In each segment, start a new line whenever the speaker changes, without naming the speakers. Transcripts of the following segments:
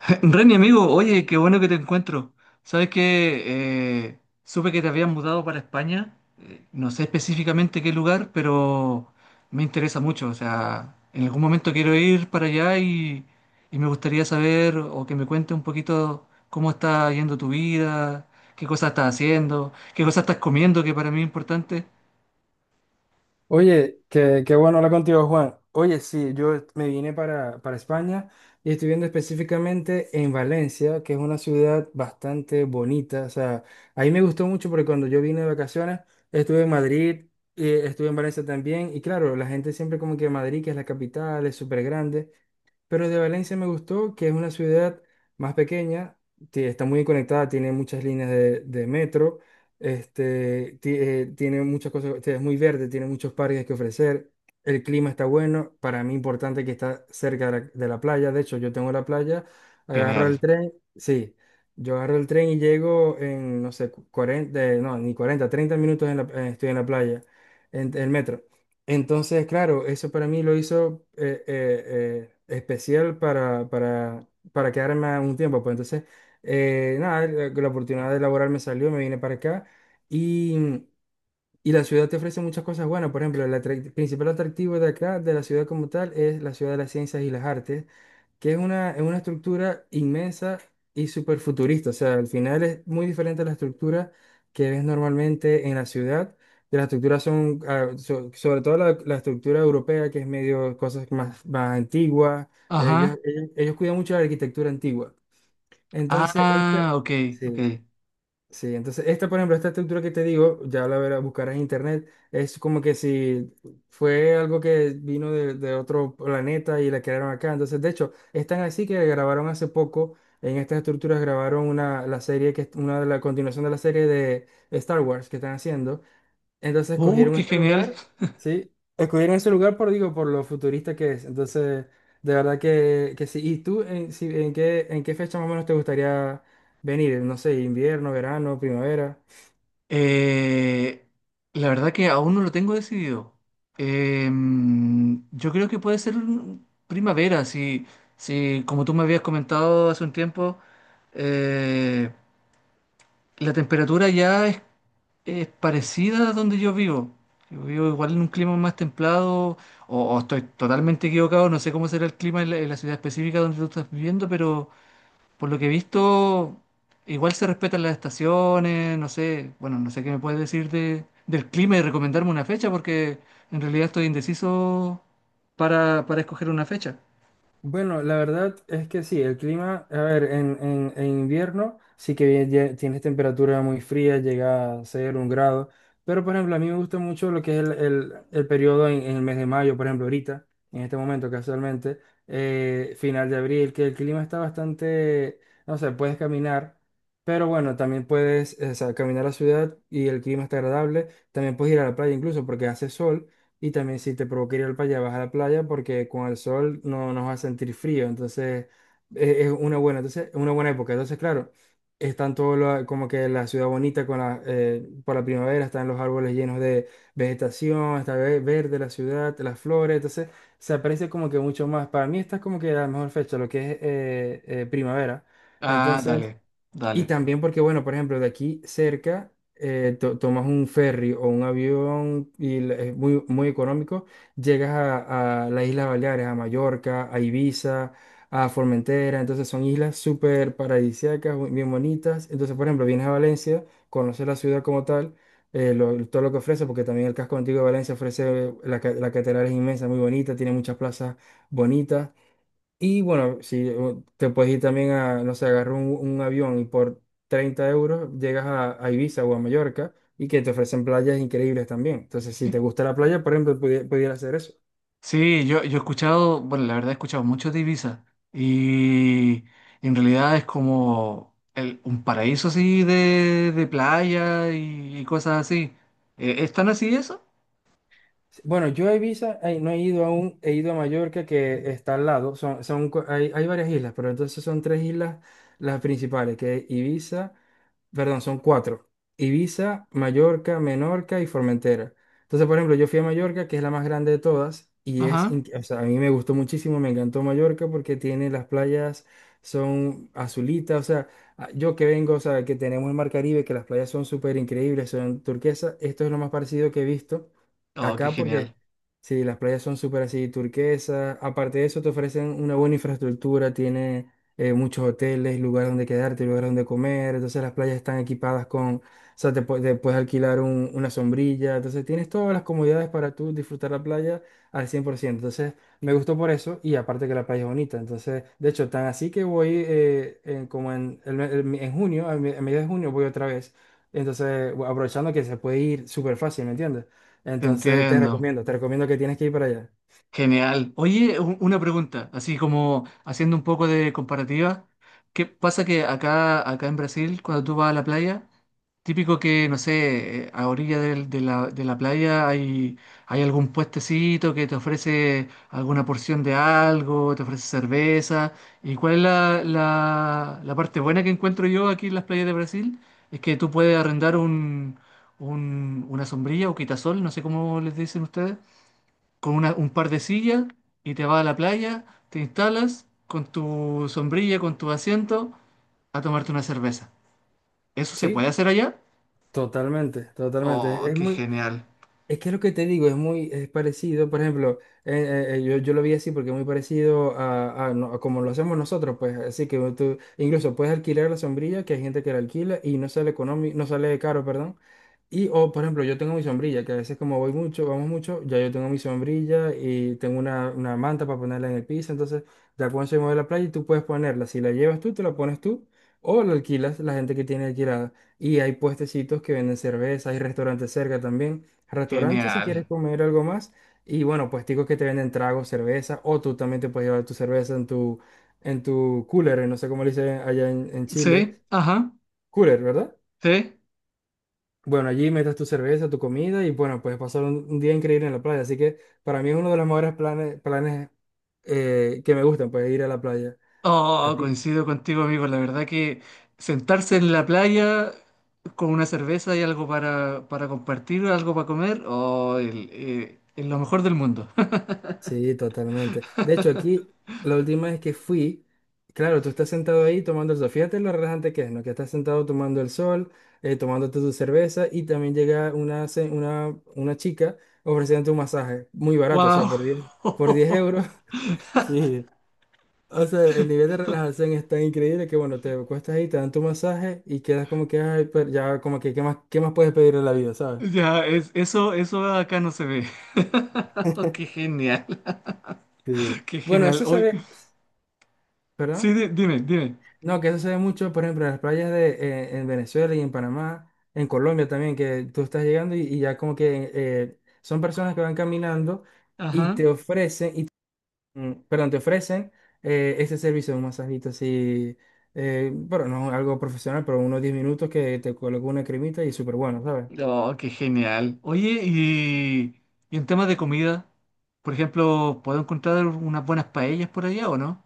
Reni, amigo, oye, qué bueno que te encuentro. Sabes que supe que te habías mudado para España. No sé específicamente qué lugar, pero me interesa mucho. O sea, en algún momento quiero ir para allá y me gustaría saber o que me cuentes un poquito cómo está yendo tu vida, qué cosas estás haciendo, qué cosas estás comiendo, que para mí es importante.
Oye, qué bueno hablar contigo, Juan. Oye, sí, yo me vine para España y estoy viendo específicamente en Valencia, que es una ciudad bastante bonita. O sea, ahí me gustó mucho porque cuando yo vine de vacaciones, estuve en Madrid, estuve en Valencia también. Y claro, la gente siempre como que Madrid, que es la capital, es súper grande. Pero de Valencia me gustó que es una ciudad más pequeña, que está muy conectada, tiene muchas líneas de metro. Este, tiene muchas cosas, este, es muy verde, tiene muchos parques que ofrecer. El clima está bueno. Para mí, importante que está cerca de la playa. De hecho, yo tengo la playa, agarro
Genial.
el tren. Sí, yo agarro el tren y llego en, no sé, 40, no, ni 40, 30 minutos en estoy en la playa, en el metro. Entonces, claro, eso para mí lo hizo especial para quedarme un tiempo. Pues entonces, nada, la oportunidad de laborar me salió, me vine para acá. Y, y la ciudad te ofrece muchas cosas buenas. Por ejemplo, el principal atractivo de acá, de la ciudad como tal, es la ciudad de las ciencias y las artes, que es es una estructura inmensa y súper futurista. O sea, al final es muy diferente a la estructura que ves normalmente en la ciudad. Que las estructuras son, ah, sobre todo la estructura europea, que es medio cosas más antiguas. Ellos,
Ajá.
ellos, ellos cuidan mucho la arquitectura antigua. Entonces, esta,
Ah, ok, ok.
sí. Sí, entonces esta, por ejemplo, esta estructura que te digo, ya la verás, buscarás en internet, es como que si fue algo que vino de otro planeta y la crearon acá. Entonces, de hecho, es tan así que grabaron hace poco, en estas estructuras grabaron la serie que es una de la continuación de la serie de Star Wars que están haciendo. Entonces escogieron
Qué
este
genial.
lugar, sí, escogieron ese lugar por, digo, por lo futurista que es. Entonces, de verdad que sí. ¿Y tú en, si- en qué fecha más o menos te gustaría venir? No sé, invierno, verano, primavera.
Eh, la verdad que aún no lo tengo decidido. Yo creo que puede ser primavera, si, si como tú me habías comentado hace un tiempo, eh, la temperatura es parecida a donde yo vivo. Yo vivo igual en un clima más templado, o estoy totalmente equivocado, no sé cómo será el clima en en la ciudad específica donde tú estás viviendo, pero por lo que he visto, igual se respetan las estaciones, no sé, bueno, no sé qué me puedes decir del clima y recomendarme una fecha, porque en realidad estoy indeciso para escoger una fecha.
Bueno, la verdad es que sí, el clima, a ver, en invierno sí que bien tienes temperatura muy fría, llega a ser un grado, pero por ejemplo, a mí me gusta mucho lo que es el periodo en el mes de mayo, por ejemplo, ahorita, en este momento casualmente, final de abril, que el clima está bastante, no sé, puedes caminar, pero bueno, también puedes, o sea, caminar a la ciudad y el clima está agradable, también puedes ir a la playa incluso porque hace sol. Y también si te provoca ir al playa, vas a la playa porque con el sol no nos va a sentir frío. Entonces es, una buena, entonces, es una buena época. Entonces, claro, están todo como que la ciudad bonita con la, por la primavera, están los árboles llenos de vegetación, está verde la ciudad, las flores. Entonces se aprecia como que mucho más. Para mí esta es como que la mejor fecha, lo que es primavera.
Ah,
Entonces
dale,
y
dale.
también porque, bueno, por ejemplo, de aquí cerca tomas un ferry o un avión y es muy económico, llegas a las Islas Baleares, a Mallorca, a Ibiza, a Formentera, entonces son islas súper paradisíacas, bien bonitas. Entonces, por ejemplo, vienes a Valencia, conoces la ciudad como tal, todo lo que ofrece, porque también el casco antiguo de Valencia ofrece, la catedral es inmensa, muy bonita, tiene muchas plazas bonitas. Y bueno, si o te puedes ir también a, no sé, agarrar un avión y por 30 euros llegas a Ibiza o a Mallorca y que te ofrecen playas increíbles también. Entonces, si te gusta la playa, por ejemplo, pudiera hacer eso.
Sí, yo he escuchado, bueno, la verdad he escuchado mucho de Ibiza y en realidad es como un paraíso así de playa y cosas así. ¿Están así eso?
Sí, bueno, yo a Ibiza no he ido aún, he ido a Mallorca que está al lado, hay, hay varias islas, pero entonces son tres islas las principales, que es Ibiza, perdón, son cuatro, Ibiza, Mallorca, Menorca y Formentera. Entonces, por ejemplo, yo fui a Mallorca, que es la más grande de todas, y es,
Ajá.
o sea, a mí me gustó muchísimo, me encantó Mallorca porque tiene las playas, son azulitas, o sea, yo que vengo, o sea, que tenemos el Mar Caribe, que las playas son súper increíbles, son turquesas, esto es lo más parecido que he visto.
Oh, qué
Acá porque
genial.
sí, las playas son súper así turquesas. Aparte de eso, te ofrecen una buena infraestructura, tiene muchos hoteles, lugar donde quedarte, lugar donde comer. Entonces las playas están equipadas con, o sea, te puedes alquilar una sombrilla. Entonces tienes todas las comodidades para tú disfrutar la playa al 100%. Entonces me gustó por eso y aparte que la playa es bonita. Entonces, de hecho, tan así que voy en- como en, el- me- en junio, a mediados de junio voy otra vez. Entonces, aprovechando que se puede ir súper fácil, ¿me entiendes?
Te
Entonces
entiendo.
te recomiendo que tienes que ir para allá.
Genial. Oye, una pregunta, así como haciendo un poco de comparativa. ¿Qué pasa que acá en Brasil, cuando tú vas a la playa, típico que, no sé, a orilla de la playa hay algún puestecito que te ofrece alguna porción de algo, te ofrece cerveza? ¿Y cuál es la parte buena que encuentro yo aquí en las playas de Brasil? Es que tú puedes arrendar una sombrilla o quitasol, no sé cómo les dicen ustedes con un par de sillas y te vas a la playa, te instalas con tu sombrilla, con tu asiento, a tomarte una cerveza. ¿Eso se
Sí,
puede hacer allá?
totalmente.
Oh,
Es
qué
muy,
genial,
es que lo que te digo es muy es parecido, por ejemplo, yo lo vi así porque es muy parecido a a como lo hacemos nosotros, pues así que tú incluso puedes alquilar la sombrilla, que hay gente que la alquila y no sale económico, no sale caro, perdón. Y, o por ejemplo, yo tengo mi sombrilla, que a veces como voy mucho, vamos mucho, ya yo tengo mi sombrilla y tengo una manta para ponerla en el piso, entonces ya cuando se mueve la playa y tú puedes ponerla, si la llevas tú, te la pones tú o la alquilas la gente que tiene alquilada. Y hay puestecitos que venden cerveza, hay restaurantes cerca también restaurante si
genial.
quieres comer algo más. Y bueno, puesticos que te venden tragos, cerveza, o tú también te puedes llevar tu cerveza en en tu cooler, no sé cómo le dicen allá en Chile.
Sí, ajá,
Cooler, ¿verdad?
sí.
Bueno, allí metes tu cerveza, tu comida y bueno, puedes pasar un día increíble en la playa. Así que para mí es uno de los mejores planes que me gustan, pues ir a la playa.
Oh, coincido contigo, amigo. La verdad que sentarse en la playa con una cerveza y algo para compartir, algo para comer, oh, es lo mejor del mundo.
Sí, totalmente. De hecho, aquí la última vez que fui, claro, tú estás sentado ahí tomando el sol. Fíjate lo relajante que es, ¿no? Que estás sentado tomando el sol, tomándote tu cerveza y también llega una chica ofreciéndote un masaje muy barato, o sea,
Wow.
por 10 euros. Sí. O sea, el nivel de relajación es tan increíble que, bueno, te cuestas ahí, te dan tu masaje y quedas como que, ay, pero ya, como que, ¿qué más puedes pedir en la vida, ¿sabes?
Ya, es, eso acá no se ve. Oh, qué genial,
Sí.
qué
Bueno,
genial.
eso se
Hoy,
ve,
sí,
¿verdad?
dime, dime.
No, que eso se ve mucho, por ejemplo, en las playas de, en Venezuela y en Panamá, en Colombia también, que tú estás llegando y ya como que son personas que van caminando y
Ajá.
te ofrecen, perdón, te ofrecen este servicio de un masajito así, bueno, no algo profesional, pero unos 10 minutos que te coloca una cremita y súper bueno, ¿sabes?
Oh, qué genial. Oye, y en temas de comida, por ejemplo, ¿puedo encontrar unas buenas paellas por allá o no?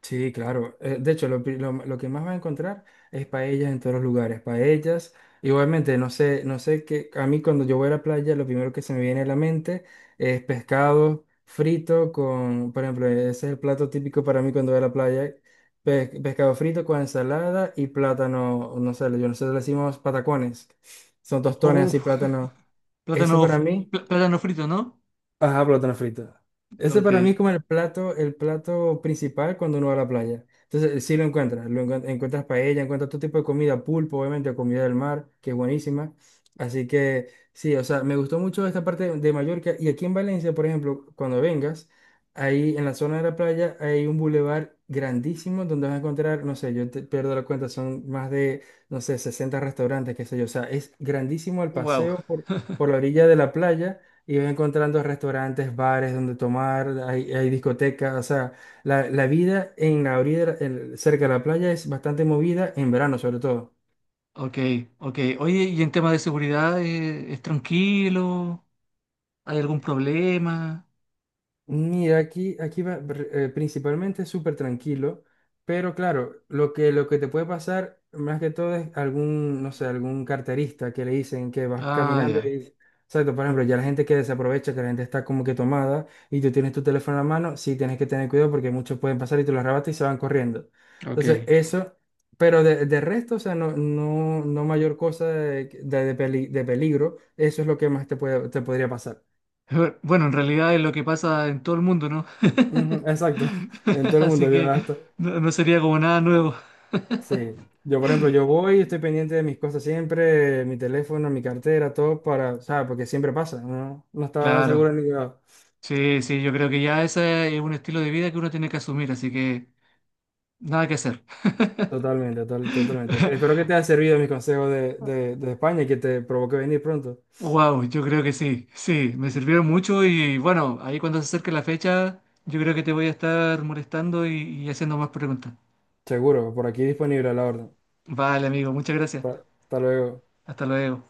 Sí, claro. De hecho, lo que más vas a encontrar es paellas en todos los lugares. Paellas, igualmente, no sé qué. A mí cuando yo voy a la playa, lo primero que se me viene a la mente es pescado frito con, por ejemplo, ese es el plato típico para mí cuando voy a la playa. Pe pescado frito con ensalada y plátano, no sé, yo nosotros le decimos patacones. Son tostones
Oh,
así, plátano. Ese
plátano,
para
f-
mí.
plátano frito, ¿no?
Ajá, plátano frito. Ese
Ok,
para mí es como sí, el el plato principal cuando uno va a la playa. Entonces, sí lo encuentras, encuentras paella, encuentras todo tipo de comida, pulpo, obviamente, comida del mar, que es buenísima. Así que, sí, o sea, me gustó mucho esta parte de Mallorca. Y aquí en Valencia, por ejemplo, cuando vengas, ahí en la zona de la playa hay un bulevar grandísimo donde vas a encontrar, no sé, yo te pierdo la cuenta, son más de, no sé, 60 restaurantes, qué sé yo. O sea, es grandísimo el
wow.
paseo por la orilla de la playa y vas encontrando restaurantes, bares donde tomar, hay discotecas, o sea, la vida en la orilla, cerca de la playa es bastante movida en verano sobre todo.
Ok, ok. Oye, y en temas de seguridad, ¿es tranquilo? ¿Hay algún problema?
Mira, principalmente es súper tranquilo, pero claro, lo que te puede pasar más que todo es algún, no sé, algún carterista que le dicen que vas
Ah,
caminando
ya.
y, exacto, por ejemplo, ya la gente que desaprovecha, que la gente está como que tomada y tú tienes tu teléfono en la mano, sí tienes que tener cuidado porque muchos pueden pasar y te lo arrebatas y se van corriendo. Entonces,
Ok.
eso, pero de resto, o sea, no mayor cosa de, de de peligro, eso es lo que más te puede, te podría pasar.
Bueno, en realidad es lo que pasa en todo el mundo, ¿no?
Ujú, exacto, en todo el mundo.
Así
Yo
que
hasta,
no, no sería como nada nuevo.
sí, yo por ejemplo, yo voy, estoy pendiente de mis cosas siempre, mi teléfono, mi cartera, todo para, o sea, porque siempre pasa, no, no estaba seguro
Claro.
en ningún lado.
Sí, sí, yo creo que ya ese es un estilo de vida que uno tiene que asumir, así que nada que hacer.
Totalmente, totalmente. Espero que te haya servido mis consejos de España y que te provoque venir pronto.
Wow, yo creo que sí, sí, me sirvieron mucho y bueno, ahí cuando se acerque la fecha, yo creo que te voy a estar molestando y haciendo más preguntas.
Seguro, por aquí disponible a la orden.
Vale, amigo, muchas gracias.
Hasta luego.
Hasta luego.